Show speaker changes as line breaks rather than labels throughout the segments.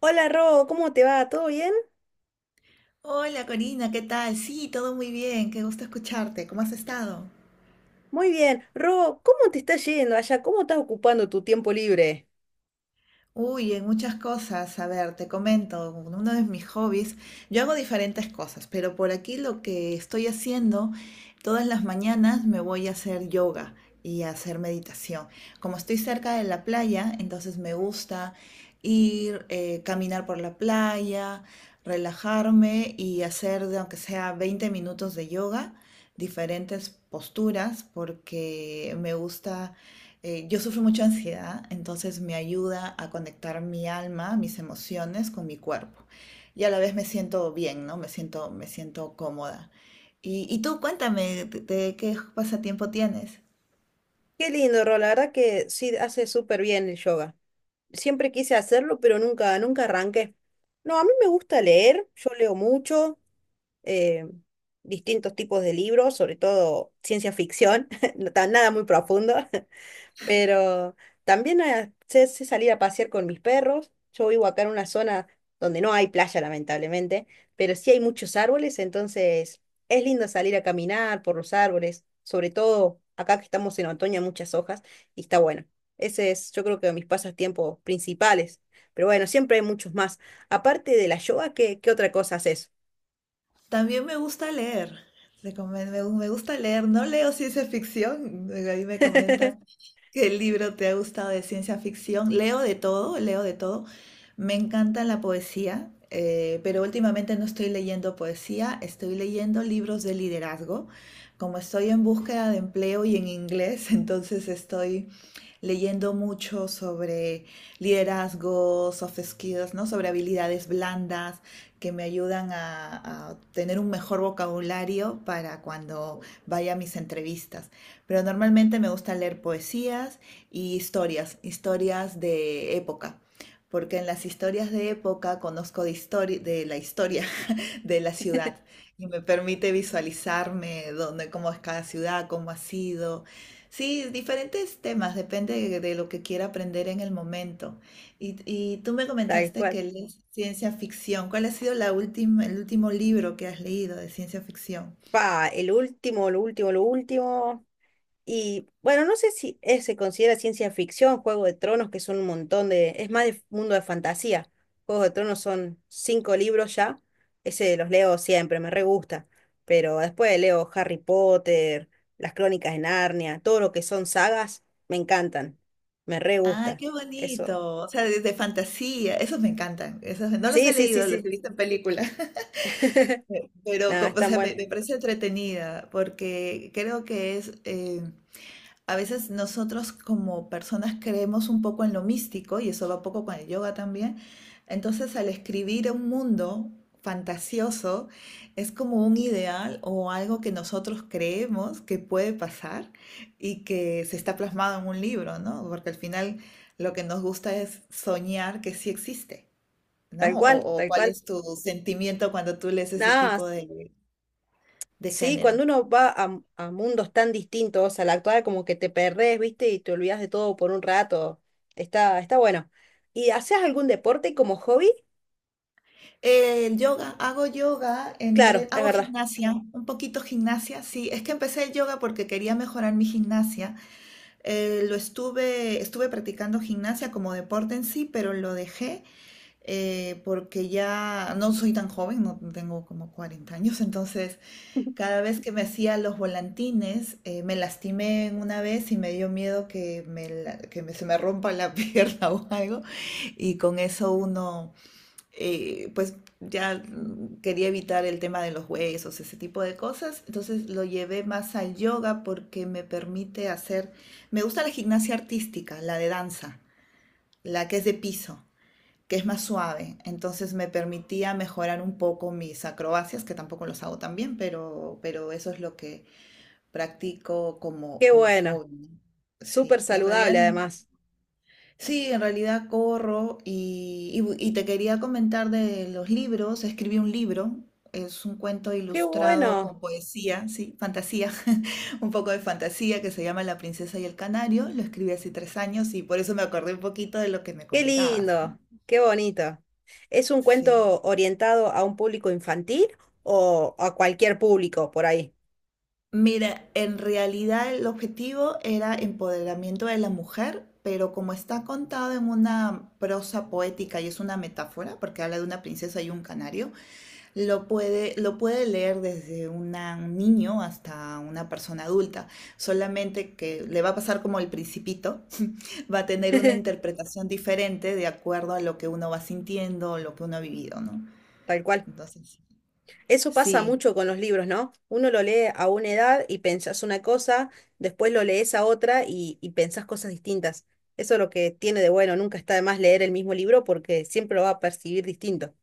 Hola Ro, ¿cómo te va? ¿Todo bien?
Hola Corina, ¿qué tal? Sí, todo muy bien, qué gusto escucharte. ¿Cómo has estado?
Muy bien. Ro, ¿cómo te está yendo allá? ¿Cómo estás ocupando tu tiempo libre?
Uy, en muchas cosas. A ver, te comento, uno de mis hobbies, yo hago diferentes cosas, pero por aquí lo que estoy haciendo, todas las mañanas me voy a hacer yoga y a hacer meditación. Como estoy cerca de la playa, entonces me gusta ir, caminar por la playa, relajarme y hacer, de aunque sea 20 minutos de yoga, diferentes posturas, porque me gusta yo sufro mucha ansiedad, entonces me ayuda a conectar mi alma, mis emociones con mi cuerpo. Y a la vez me siento bien, ¿no? Me siento cómoda. Y tú cuéntame, ¿de qué pasatiempo tienes?
Qué lindo, Ro, la verdad que sí hace súper bien el yoga. Siempre quise hacerlo, pero nunca arranqué. No, a mí me gusta leer, yo leo mucho, eh, distintos tipos de libros, sobre todo ciencia ficción, nada muy profundo. Pero también sé salir a pasear con mis perros. Yo vivo acá en una zona donde no hay playa, lamentablemente, pero sí hay muchos árboles, entonces es lindo salir a caminar por los árboles, sobre todo acá que estamos en otoño, hay muchas hojas y está bueno. Ese es, yo creo que mis pasatiempos principales. Pero bueno, siempre hay muchos más. Aparte de la yoga, ¿qué otra cosa haces?
También me gusta leer. Me gusta leer. No leo ciencia ficción. Ahí me comentas qué libro te ha gustado de ciencia ficción. Leo de todo, leo de todo. Me encanta la poesía, pero últimamente no estoy leyendo poesía. Estoy leyendo libros de liderazgo. Como estoy en búsqueda de empleo y en inglés, entonces estoy leyendo mucho sobre liderazgo, soft skills, ¿no? Sobre habilidades blandas que me ayudan a tener un mejor vocabulario para cuando vaya a mis entrevistas. Pero normalmente me gusta leer poesías y historias, historias de época porque en las historias de época conozco de, de la historia de la ciudad y me permite visualizarme dónde, cómo es cada ciudad, cómo ha sido. Sí, diferentes temas, depende de lo que quiera aprender en el momento. Y tú me
Tal
comentaste
cual.
que lees ciencia ficción. ¿Cuál ha sido la última, el último libro que has leído de ciencia ficción?
Pa, el último, lo último, lo último. Y bueno, no sé si se considera ciencia ficción, Juego de Tronos, que son un montón de... Es más de mundo de fantasía. Juego de Tronos son cinco libros ya. Ese los leo siempre, me re gusta. Pero después leo Harry Potter, las Crónicas de Narnia, todo lo que son sagas, me encantan. Me re
¡Ay,
gusta.
qué
Eso.
bonito! O sea, de fantasía, esos me encantan. Esos, no los
Sí,
he
sí, sí,
leído, los he
sí.
visto en películas. Pero,
Nada, es
o
tan
sea,
bueno.
me parece entretenida porque creo que es, a veces nosotros como personas creemos un poco en lo místico, y eso va un poco con el yoga también. Entonces, al escribir un mundo fantasioso, es como un ideal o algo que nosotros creemos que puede pasar y que se está plasmado en un libro, ¿no? Porque al final lo que nos gusta es soñar que sí existe,
Tal
¿no?
cual,
O
tal
cuál
cual.
es tu sentimiento cuando tú lees ese tipo
Nada,
de
sí,
género.
cuando uno va a mundos tan distintos al actual, como que te perdés, ¿viste? Y te olvidás de todo por un rato. Está, está bueno. ¿Y haces algún deporte como hobby?
El yoga, hago yoga,
Claro, es
hago
verdad.
gimnasia, un poquito gimnasia, sí, es que empecé el yoga porque quería mejorar mi gimnasia. Estuve practicando gimnasia como deporte en sí, pero lo dejé porque ya no soy tan joven, no tengo como 40 años, entonces cada vez que me hacía los volantines me lastimé en una vez y me dio miedo que se me rompa la pierna o algo, y con eso uno pues ya quería evitar el tema de los huesos, ese tipo de cosas. Entonces lo llevé más al yoga porque me permite hacer, me gusta la gimnasia artística, la de danza, la que es de piso, que es más suave. Entonces me permitía mejorar un poco mis acrobacias, que tampoco los hago tan bien, pero eso es lo que practico como,
Qué
como
bueno.
hobby. ¿No?
Súper
Sí, en realidad
saludable
no.
además.
Sí, en realidad corro y, y te quería comentar de los libros. Escribí un libro, es un cuento
Qué
ilustrado con
bueno.
poesía, sí, fantasía, un poco de fantasía que se llama La princesa y el canario. Lo escribí hace 3 años y por eso me acordé un poquito de lo que me
Qué
comentabas, ¿no?
lindo. Qué bonito. ¿Es un
Sí.
cuento orientado a un público infantil o a cualquier público por ahí?
Mira, en realidad el objetivo era empoderamiento de la mujer, pero como está contado en una prosa poética y es una metáfora, porque habla de una princesa y un canario, lo puede, lo puede leer desde un niño hasta una persona adulta, solamente que le va a pasar como el principito, va a tener una interpretación diferente de acuerdo a lo que uno va sintiendo, lo que uno ha vivido, ¿no?
Tal cual.
Entonces,
Eso pasa
sí,
mucho con los libros, ¿no? Uno lo lee a una edad y pensás una cosa, después lo lees a otra y pensás cosas distintas. Eso es lo que tiene de bueno, nunca está de más leer el mismo libro porque siempre lo va a percibir distinto,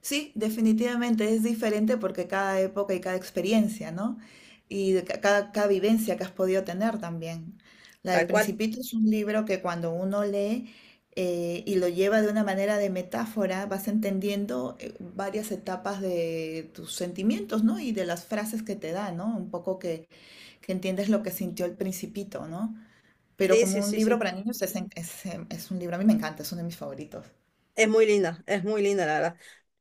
sí, definitivamente es diferente porque cada época y cada experiencia, ¿no? Y de cada vivencia que has podido tener también. La del
tal cual.
Principito es un libro que cuando uno lee y lo lleva de una manera de metáfora, vas entendiendo varias etapas de tus sentimientos, ¿no? Y de las frases que te da, ¿no? Un poco que entiendes lo que sintió el Principito, ¿no? Pero
Sí, sí,
como un
sí,
libro
sí.
para niños es, es un libro, a mí me encanta, es uno de mis favoritos.
Es muy linda la verdad.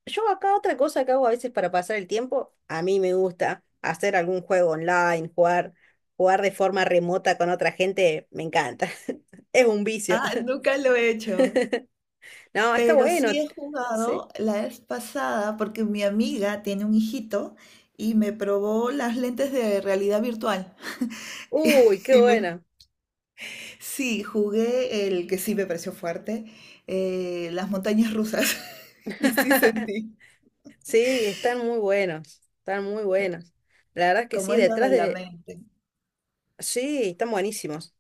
Yo acá otra cosa que hago a veces para pasar el tiempo, a mí me gusta hacer algún juego online, jugar, de forma remota con otra gente, me encanta. Es un vicio.
Ah, nunca lo he hecho.
No, está
Pero sí
bueno.
he
Sí.
jugado la vez pasada porque mi amiga tiene un hijito y me probó las lentes de realidad virtual.
Uy, qué
Y me-
bueno.
sí, jugué el que sí me pareció fuerte, las montañas rusas. Y sí sentí
Sí, están muy buenos, están muy buenos. La verdad que
cómo
sí,
es lo
detrás
de la
de...
mente.
Sí, están buenísimos.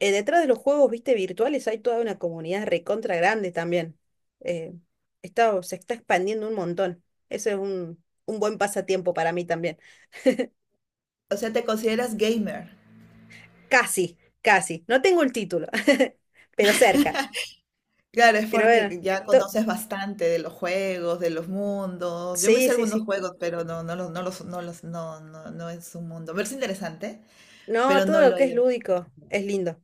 Detrás de los juegos, viste, virtuales hay toda una comunidad recontra grande también. Eh, Se está expandiendo un montón. Eso es un buen pasatiempo para mí también.
O sea, te consideras gamer.
Casi, casi. No tengo el título, pero cerca.
Claro, es
Pero bueno,
porque ya
to-
conoces bastante de los juegos, de los mundos. Yo me
sí,
sé
sí,
algunos
sí.
juegos, pero no, no es un mundo. Me parece interesante,
No,
pero
todo
no
lo
lo
que es
he.
lúdico es lindo.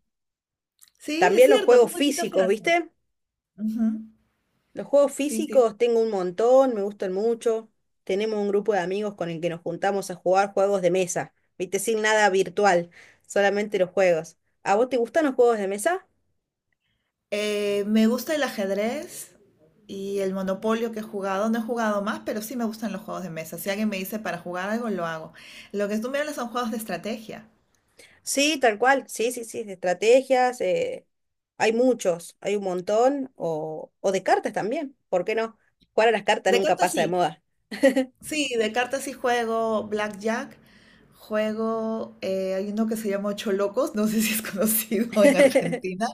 Sí, es
También los
cierto, qué
juegos
bonita
físicos,
frase.
¿viste?
Ujú.
Los juegos
Sí, sí.
físicos tengo un montón, me gustan mucho. Tenemos un grupo de amigos con el que nos juntamos a jugar juegos de mesa, ¿viste? Sin nada virtual, solamente los juegos. ¿A vos te gustan los juegos de mesa?
Me gusta el ajedrez y el monopolio que he jugado. No he jugado más, pero sí me gustan los juegos de mesa. Si alguien me dice para jugar algo, lo hago. Lo que tú me hablas son juegos de estrategia.
Sí, tal cual. Sí, sí, sí, de estrategias. Hay muchos, hay un montón. O de cartas también, ¿por qué no? Jugar a las cartas
De
nunca
cartas
pasa
sí.
de moda.
Sí, de cartas sí juego Blackjack. Juego, hay uno que se llama Ocho Locos, no sé si es conocido en Argentina.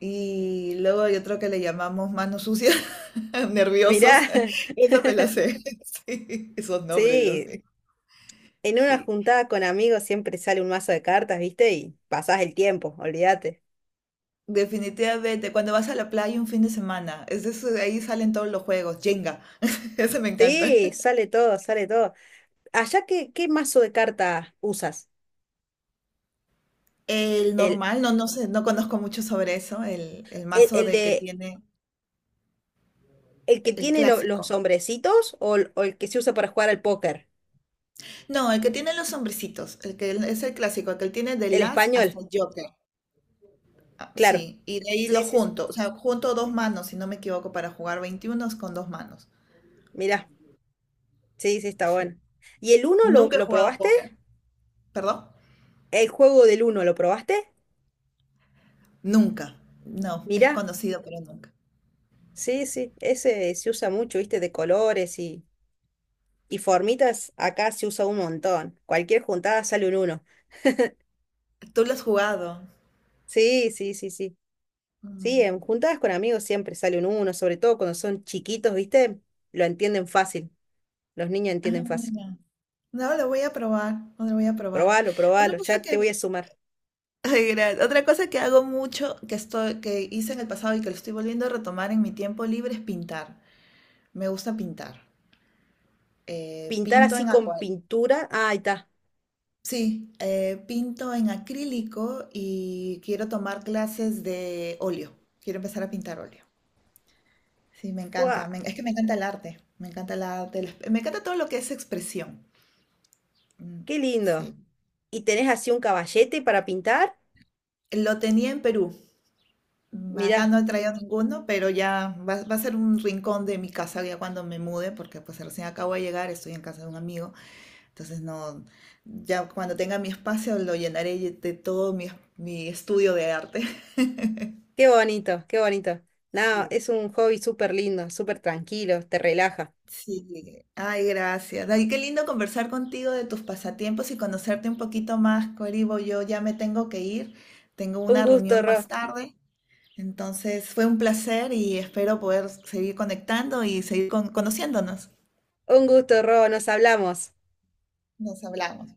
Y luego hay otro que le llamamos manos sucias,
Mirá,
nerviosos. Eso me la sé. Sí, esos nombres, Dios
sí,
mío.
en una
Sí.
juntada con amigos siempre sale un mazo de cartas, ¿viste? Y pasás el tiempo, olvídate.
Definitivamente, cuando vas a la playa un fin de semana, es de de ahí salen todos los juegos. Jenga, ese me encanta.
Sí, sale todo, sale todo. Allá, ¿qué mazo de cartas usas?
El
¿El,
normal, no, no sé, no conozco mucho sobre eso. El
el,
mazo
el
de que
de
tiene
el que
el
tiene los
clásico.
hombrecitos o el que se usa para jugar al póker?
No, el que tiene los hombrecitos, el que es el clásico, el que tiene de
El
las hasta
español,
el. Ah,
claro.
sí, y de ahí
Sí,
lo
sí, sí.
junto, o sea, junto dos manos, si no me equivoco, para jugar 21 con dos manos.
Mirá, sí, sí, está
Sí.
bueno. ¿Y el uno lo,
Nunca he
lo
jugado
probaste?
póker. ¿Perdón?
¿El juego del uno lo probaste?
Nunca. No, es
Mirá,
conocido, pero nunca.
sí, sí, ese se usa mucho, viste, de colores y formitas. Acá se usa un montón. Cualquier juntada sale un uno.
¿Tú lo has jugado?
Sí, sí, sí, sí. Sí,
Mm.
en juntadas con amigos siempre sale un uno, sobre todo cuando son chiquitos, ¿viste? Lo entienden fácil, los niños
Ah,
entienden fácil.
bueno. No, lo voy a probar, no lo voy a probar.
Probalo,
Otra
probalo,
cosa
ya te
que,
voy a sumar.
ay, gracias. Otra cosa que hago mucho, que estoy, que hice en el pasado y que lo estoy volviendo a retomar en mi tiempo libre es pintar. Me gusta pintar.
Pintar
Pinto
así
en
con
acuarela.
pintura, ah, ahí está.
Sí, pinto en acrílico y quiero tomar clases de óleo. Quiero empezar a pintar óleo. Sí, me
¡Fua!
encanta. Es que me encanta el arte. Me encanta el arte. Me encanta todo lo que es expresión. Mm.
¡Qué lindo!
Sí.
¿Y tenés así un caballete para pintar?
Lo tenía en Perú. Mm,
Mirá,
acá no he traído ninguno, pero ya va, va a ser un rincón de mi casa ya cuando me mude, porque pues recién acabo de llegar, estoy en casa de un amigo. Entonces no, ya cuando tenga mi espacio lo llenaré de todo mi, mi estudio de arte.
qué bonito, qué bonito. No,
Sí.
es un hobby súper lindo, súper tranquilo, te relaja.
Sí, ay, gracias. Ay, qué lindo conversar contigo de tus pasatiempos y conocerte un poquito más, Coribo. Yo ya me tengo que ir, tengo
Un
una
gusto,
reunión
Ro,
más tarde, entonces fue un placer y espero poder seguir conectando y seguir conociéndonos.
un gusto, Ro, nos hablamos.
Nos hablamos.